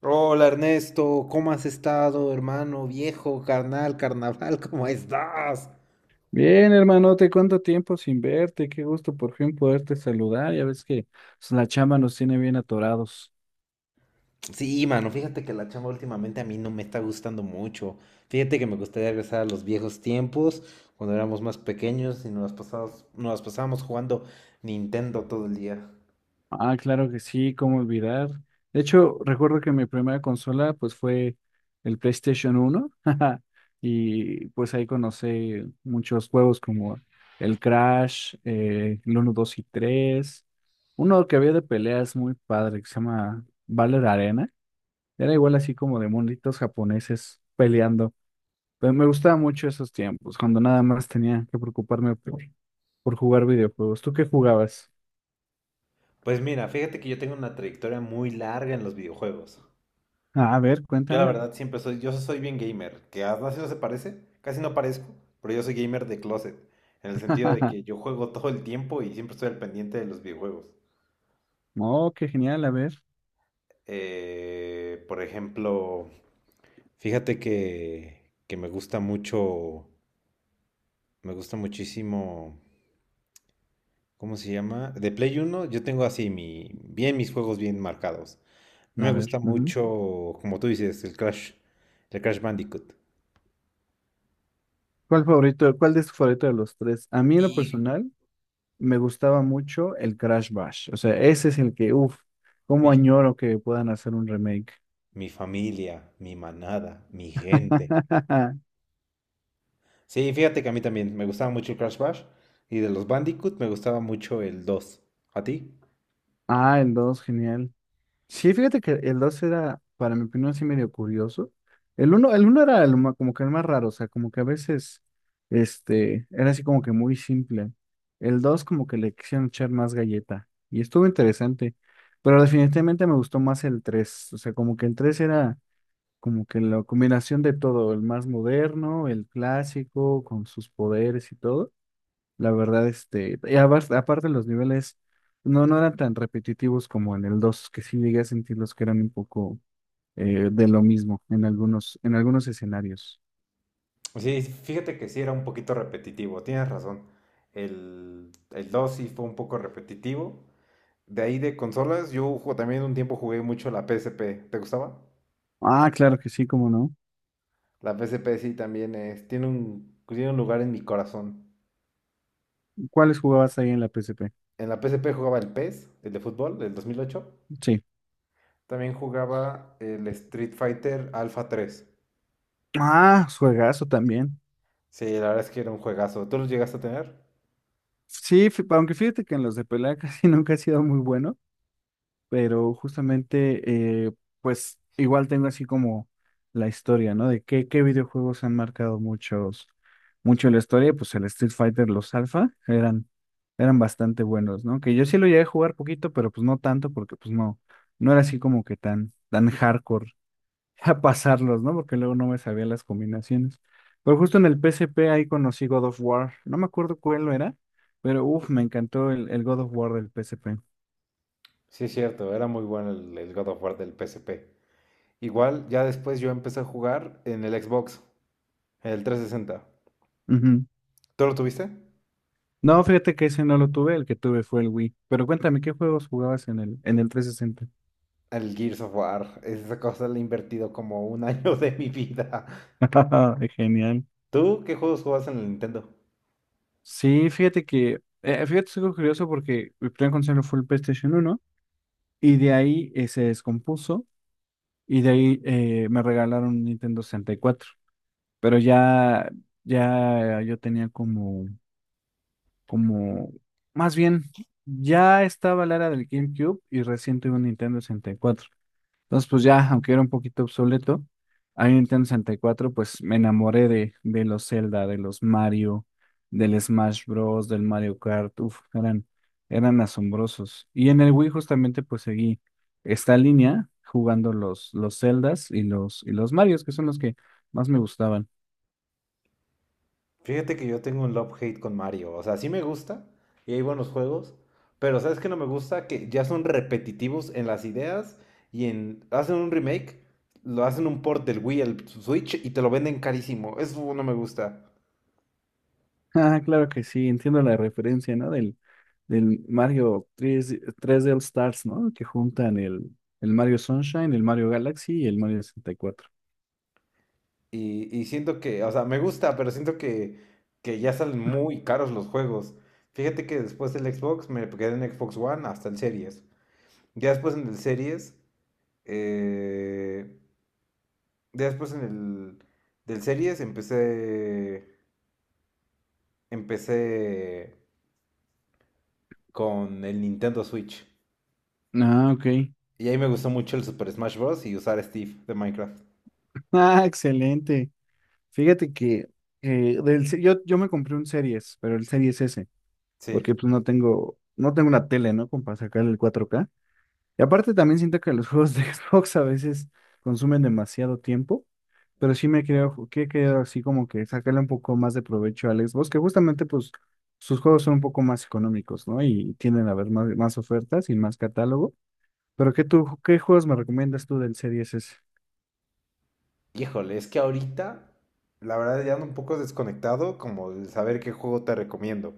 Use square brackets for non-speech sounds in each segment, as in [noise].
Hola Ernesto, ¿cómo has estado, hermano, viejo, carnal, carnaval? [laughs] ¿Cómo estás? Bien, hermanote, ¿cuánto tiempo sin verte? Qué gusto por fin poderte saludar. Ya ves que pues, la chamba nos tiene bien atorados. Sí, mano, fíjate que la chamba últimamente a mí no me está gustando mucho. Fíjate que me gustaría regresar a los viejos tiempos, cuando éramos más pequeños y nos las pasábamos jugando Nintendo todo el día. Ah, claro que sí, cómo olvidar. De hecho, recuerdo que mi primera consola pues fue el PlayStation uno [laughs] y pues ahí conocí muchos juegos como el Crash, el 1, 2 y tres, uno que había de peleas muy padre que se llama Valor Arena. Era igual así como de monitos japoneses peleando. Pero me gustaban mucho esos tiempos, cuando nada más tenía que preocuparme por jugar videojuegos. ¿Tú qué jugabas? Pues mira, fíjate que yo tengo una trayectoria muy larga en los videojuegos. Ah, a ver, Yo la cuéntame. verdad siempre soy, yo soy bien gamer, que a no se parece, casi no parezco, pero yo soy gamer de closet, en el sentido de que [laughs] yo juego todo el tiempo y siempre estoy al pendiente de los videojuegos. Oh, qué genial, a ver, Por ejemplo, fíjate que, que me gusta mucho, me gusta muchísimo, ¿cómo se llama? De Play uno, yo tengo así mi, bien mis juegos bien marcados. A mí me a ver. gusta Ujú. mucho, como tú dices, el Crash Bandicoot. ¿Cuál favorito, cuál es tu favorito de los tres? A mí en lo Y, personal me gustaba mucho el Crash Bash. O sea, ese es el que, uff, cómo y añoro que puedan hacer un remake. Mi familia, mi manada, mi gente. [laughs] Sí, fíjate que a mí también me gustaba mucho el Crash Bash y de los Bandicoot me gustaba mucho el 2. ¿A ti? Ah, el 2, genial. Sí, fíjate que el 2 era, para mi opinión, sí medio curioso. El uno era el como que el más raro, o sea, como que a veces era así como que muy simple. El 2 como que le quisieron echar más galleta y estuvo interesante, pero definitivamente me gustó más el tres, o sea, como que el 3 era como que la combinación de todo, el más moderno, el clásico, con sus poderes y todo. La verdad, aparte los niveles no eran tan repetitivos como en el dos, que sí llegué a sentirlos que eran un poco de lo mismo en algunos escenarios. Sí, fíjate que sí era un poquito repetitivo, tienes razón. El 2 sí fue un poco repetitivo. De ahí de consolas, también un tiempo jugué mucho la PSP. ¿Te gustaba? Ah, claro que sí, cómo no. La PSP sí también es, tiene un lugar en mi corazón. ¿Cuáles jugabas ahí en la PSP? En la PSP jugaba el PES, el de fútbol, del 2008. Sí. También jugaba el Street Fighter Alpha tres. Ah, juegazo también. Sí, la verdad es que era un juegazo. ¿Tú lo llegaste a tener? Aunque fíjate que en los de pelea [laughs] casi nunca he sido muy bueno. Pero justamente, pues igual tengo así como la historia, ¿no? De qué, qué videojuegos han marcado muchos, mucho la historia, pues el Street Fighter, los Alpha, eran, eran bastante buenos, ¿no? Que yo sí lo llegué a jugar poquito, pero pues no tanto, porque pues no, no era así como que tan, tan hardcore [laughs] a pasarlos, ¿no? Porque luego no me sabía las combinaciones. Pero justo en el P S P ahí conocí God of War, no me acuerdo cuál lo era, pero uff, me encantó el God of War del P PSP. Sí, es cierto, era muy bueno el God of War del P S P. Igual, ya después yo empecé a jugar en el Xbox, en el 360. Ujú. ¿Tú lo tuviste? No, fíjate que ese no lo tuve, el que tuve fue el Wii. Pero cuéntame, ¿qué juegos jugabas en el 360? El Gears of War. Esa cosa le he invertido como un año [laughs] de mi vida. [laughs] Genial. ¿Tú qué juegos jugabas en el Nintendo? Sí, fíjate que, fíjate, es algo curioso porque mi primer consola fue el PlayStation uno y de ahí se descompuso y de ahí me regalaron un Nintendo 64. Pero ya, ya yo tenía como, como, más bien, ya estaba la era del GameCube y recién tuve un Nintendo 64. Entonces, pues ya, aunque era un poquito obsoleto, ahí en Nintendo 64 pues me enamoré de los Zelda, de los Mario, del Smash Bros., del Mario Kart, uf, eran, eran asombrosos. Y en el Wii justamente pues seguí esta línea jugando los Zeldas y los Marios, que son los que más me gustaban. [laughs] Fíjate que yo tengo un love-hate con Mario. O sea, sí me gusta y hay buenos juegos, pero ¿sabes qué no me gusta? Que ya son repetitivos en las ideas y en... Hacen un remake, lo hacen un port del Wii al Switch y te lo venden carísimo. Eso no me gusta. Ah, claro que sí, entiendo la referencia, ¿no? Del, del Mario tres d All Stars, ¿no? Que juntan el Mario Sunshine, el Mario Galaxy y el Mario 64. Y siento que, o sea, me gusta, pero siento que ya salen muy caros los juegos. Fíjate que después del Xbox me quedé en Xbox One hasta el Series. Ya después en el Series... eh, Después en el del series empecé con el Nintendo Switch. Ah, ok. Y ahí me gustó mucho el Super Smash Bros. Y usar a Steve de Minecraft. Ah, excelente. Fíjate que yo me compré un Series, pero el Series S, Sí. porque pues no tengo, no tengo una tele, ¿no? Como para sacar el 4K. Y aparte también siento que los juegos de [laughs] Xbox a veces consumen demasiado tiempo, pero sí me creo que he querido así como que sacarle un poco más de provecho al Xbox, que justamente pues sus juegos son un poco más económicos, ¿no? Y tienden a haber más, más ofertas y más catálogo. Pero ¿qué, tú, qué juegos me recomiendas tú del Series S? Híjole, es que ahorita, la verdad, ya ando un poco desconectado como el saber qué juego te recomiendo.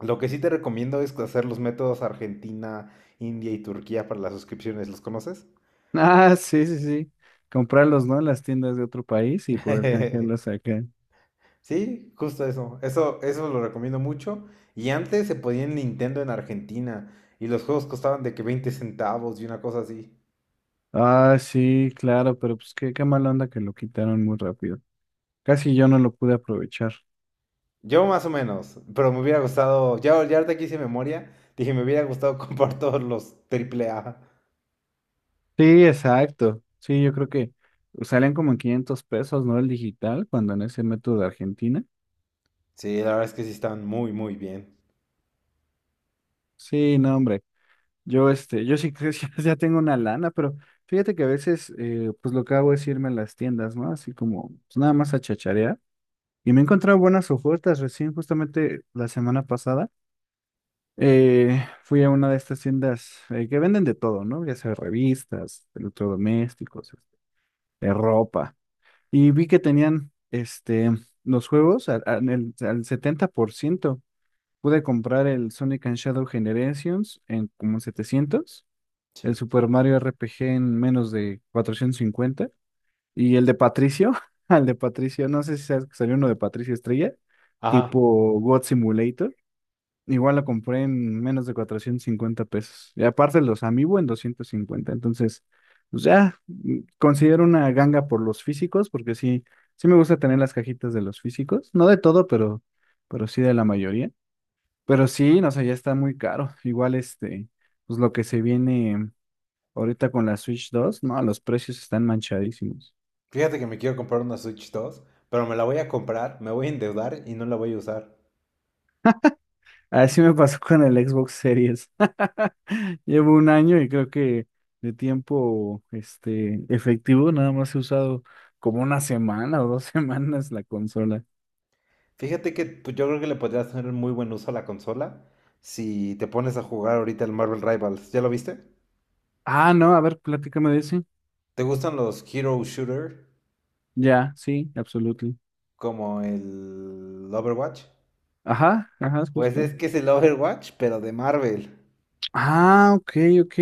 Lo que sí te recomiendo es hacer los métodos Argentina, India y Turquía para las suscripciones. ¿Los conoces? [laughs] Ah, sí, sí, sí. Comprarlos, ¿no? En las tiendas de otro país y poder [laughs] canjearlos acá. Sí, justo eso. Eso lo recomiendo mucho. Y antes se podía en Nintendo en Argentina y los juegos costaban de que 20 centavos y una cosa así. Ah, sí, claro, pero pues qué, qué mala onda que lo quitaron muy rápido. Casi yo no lo pude aprovechar. Yo más o menos, pero me hubiera gustado, ya, ya ahorita que hice memoria, dije, me hubiera gustado [laughs] comprar todos los triple A. Sí, exacto. Sí, yo creo que salen como en 500 pesos, ¿no? El digital, cuando en ese método de Argentina. Sí, la verdad es que sí están muy, muy bien. Sí, no, hombre. Yo, yo sí que [laughs] ya tengo una lana, pero fíjate que a veces, pues lo que hago es irme a las tiendas, ¿no? Así como, pues nada más a chacharear. Y me he encontrado buenas ofertas recién, justamente la semana pasada. Fui a una de estas tiendas, que venden de todo, ¿no? Ya sea revistas, electrodomésticos, de ropa. Y vi que tenían los juegos al 70%. Pude comprar el Sonic and Shadow Generations en como 700, el Sí. Super Mario RPG en menos de 450 y el de Patricio, [laughs] al de Patricio, no sé si sabes que salió uno de Patricio Estrella, Ajá. tipo God Simulator. Igual lo compré en menos de 450 pesos. Y aparte los Amiibo en 250. Entonces, pues ya, mm, considero una ganga por los físicos, porque sí, sí me gusta tener las cajitas de los físicos. No de todo, pero sí de la mayoría. Pero sí, no sé, ya está muy caro. Igual pues lo que se viene ahorita con la Switch 2, no, los precios están manchadísimos. Fíjate que me quiero comprar una Switch 2, pero me la voy a comprar, me voy a endeudar y no la voy a usar. Así me pasó con el Xbox Series. [laughs] Llevo un año y creo que de tiempo efectivo nada más he usado como una semana o dos [laughs] semanas la consola. Fíjate que pues, yo creo que le podrías hacer muy buen uso a la consola si te pones a jugar ahorita el Marvel Rivals. ¿Ya lo viste? Ah, no, a ver, platícame de ese. ¿Te gustan los Hero Shooter Ya, sí, absolutely. como el Overwatch? Ajá, ajá, es Pues justo. es que es el Overwatch, pero de Marvel. Ah, ok, ok.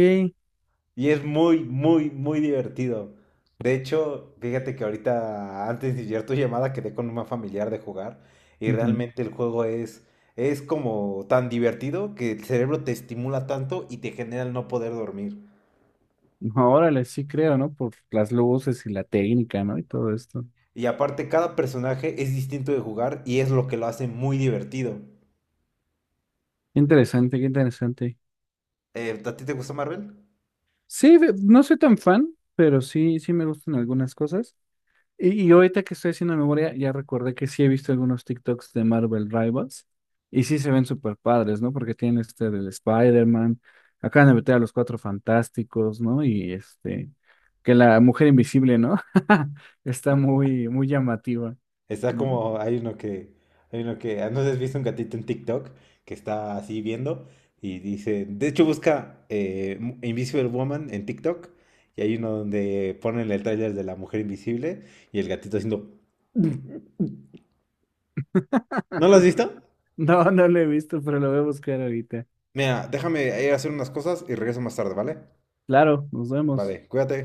Y es muy, muy, muy divertido. De hecho, fíjate que ahorita, antes de llegar tu llamada, quedé con una familiar de jugar. Y Ujú. realmente el juego es como tan divertido que el cerebro te estimula tanto y te genera el no poder dormir. Órale, sí creo, ¿no? Por las luces y la técnica, ¿no? Y todo esto. Y aparte, cada personaje es distinto de jugar y es lo que lo hace muy divertido. Interesante, qué interesante. ¿A ti te gusta Marvel? Sí, no soy tan fan, pero sí, sí me gustan algunas cosas. Y ahorita que estoy haciendo memoria, ya recordé que sí he visto algunos TikToks de Marvel Rivals y sí se ven súper padres, ¿no? Porque tienen este del Spider-Man, acaban de meter a los Cuatro Fantásticos, ¿no? Y que la Mujer Invisible, ¿no? [laughs] Está muy, muy llamativa, Está ¿no? como, hay uno que, ah, no sé si has visto un gatito en TikTok que está así viendo y dice, de hecho busca Mu- Invisible Woman en TikTok y hay uno donde ponen el tráiler de la mujer invisible y el gatito haciendo... [laughs] ¿No lo has [laughs] visto? No, no lo he visto, pero lo voy a buscar ahorita. Mira, déjame ir a hacer unas cosas y regreso más tarde, ¿vale? Claro, nos vemos. Vale, cuídate.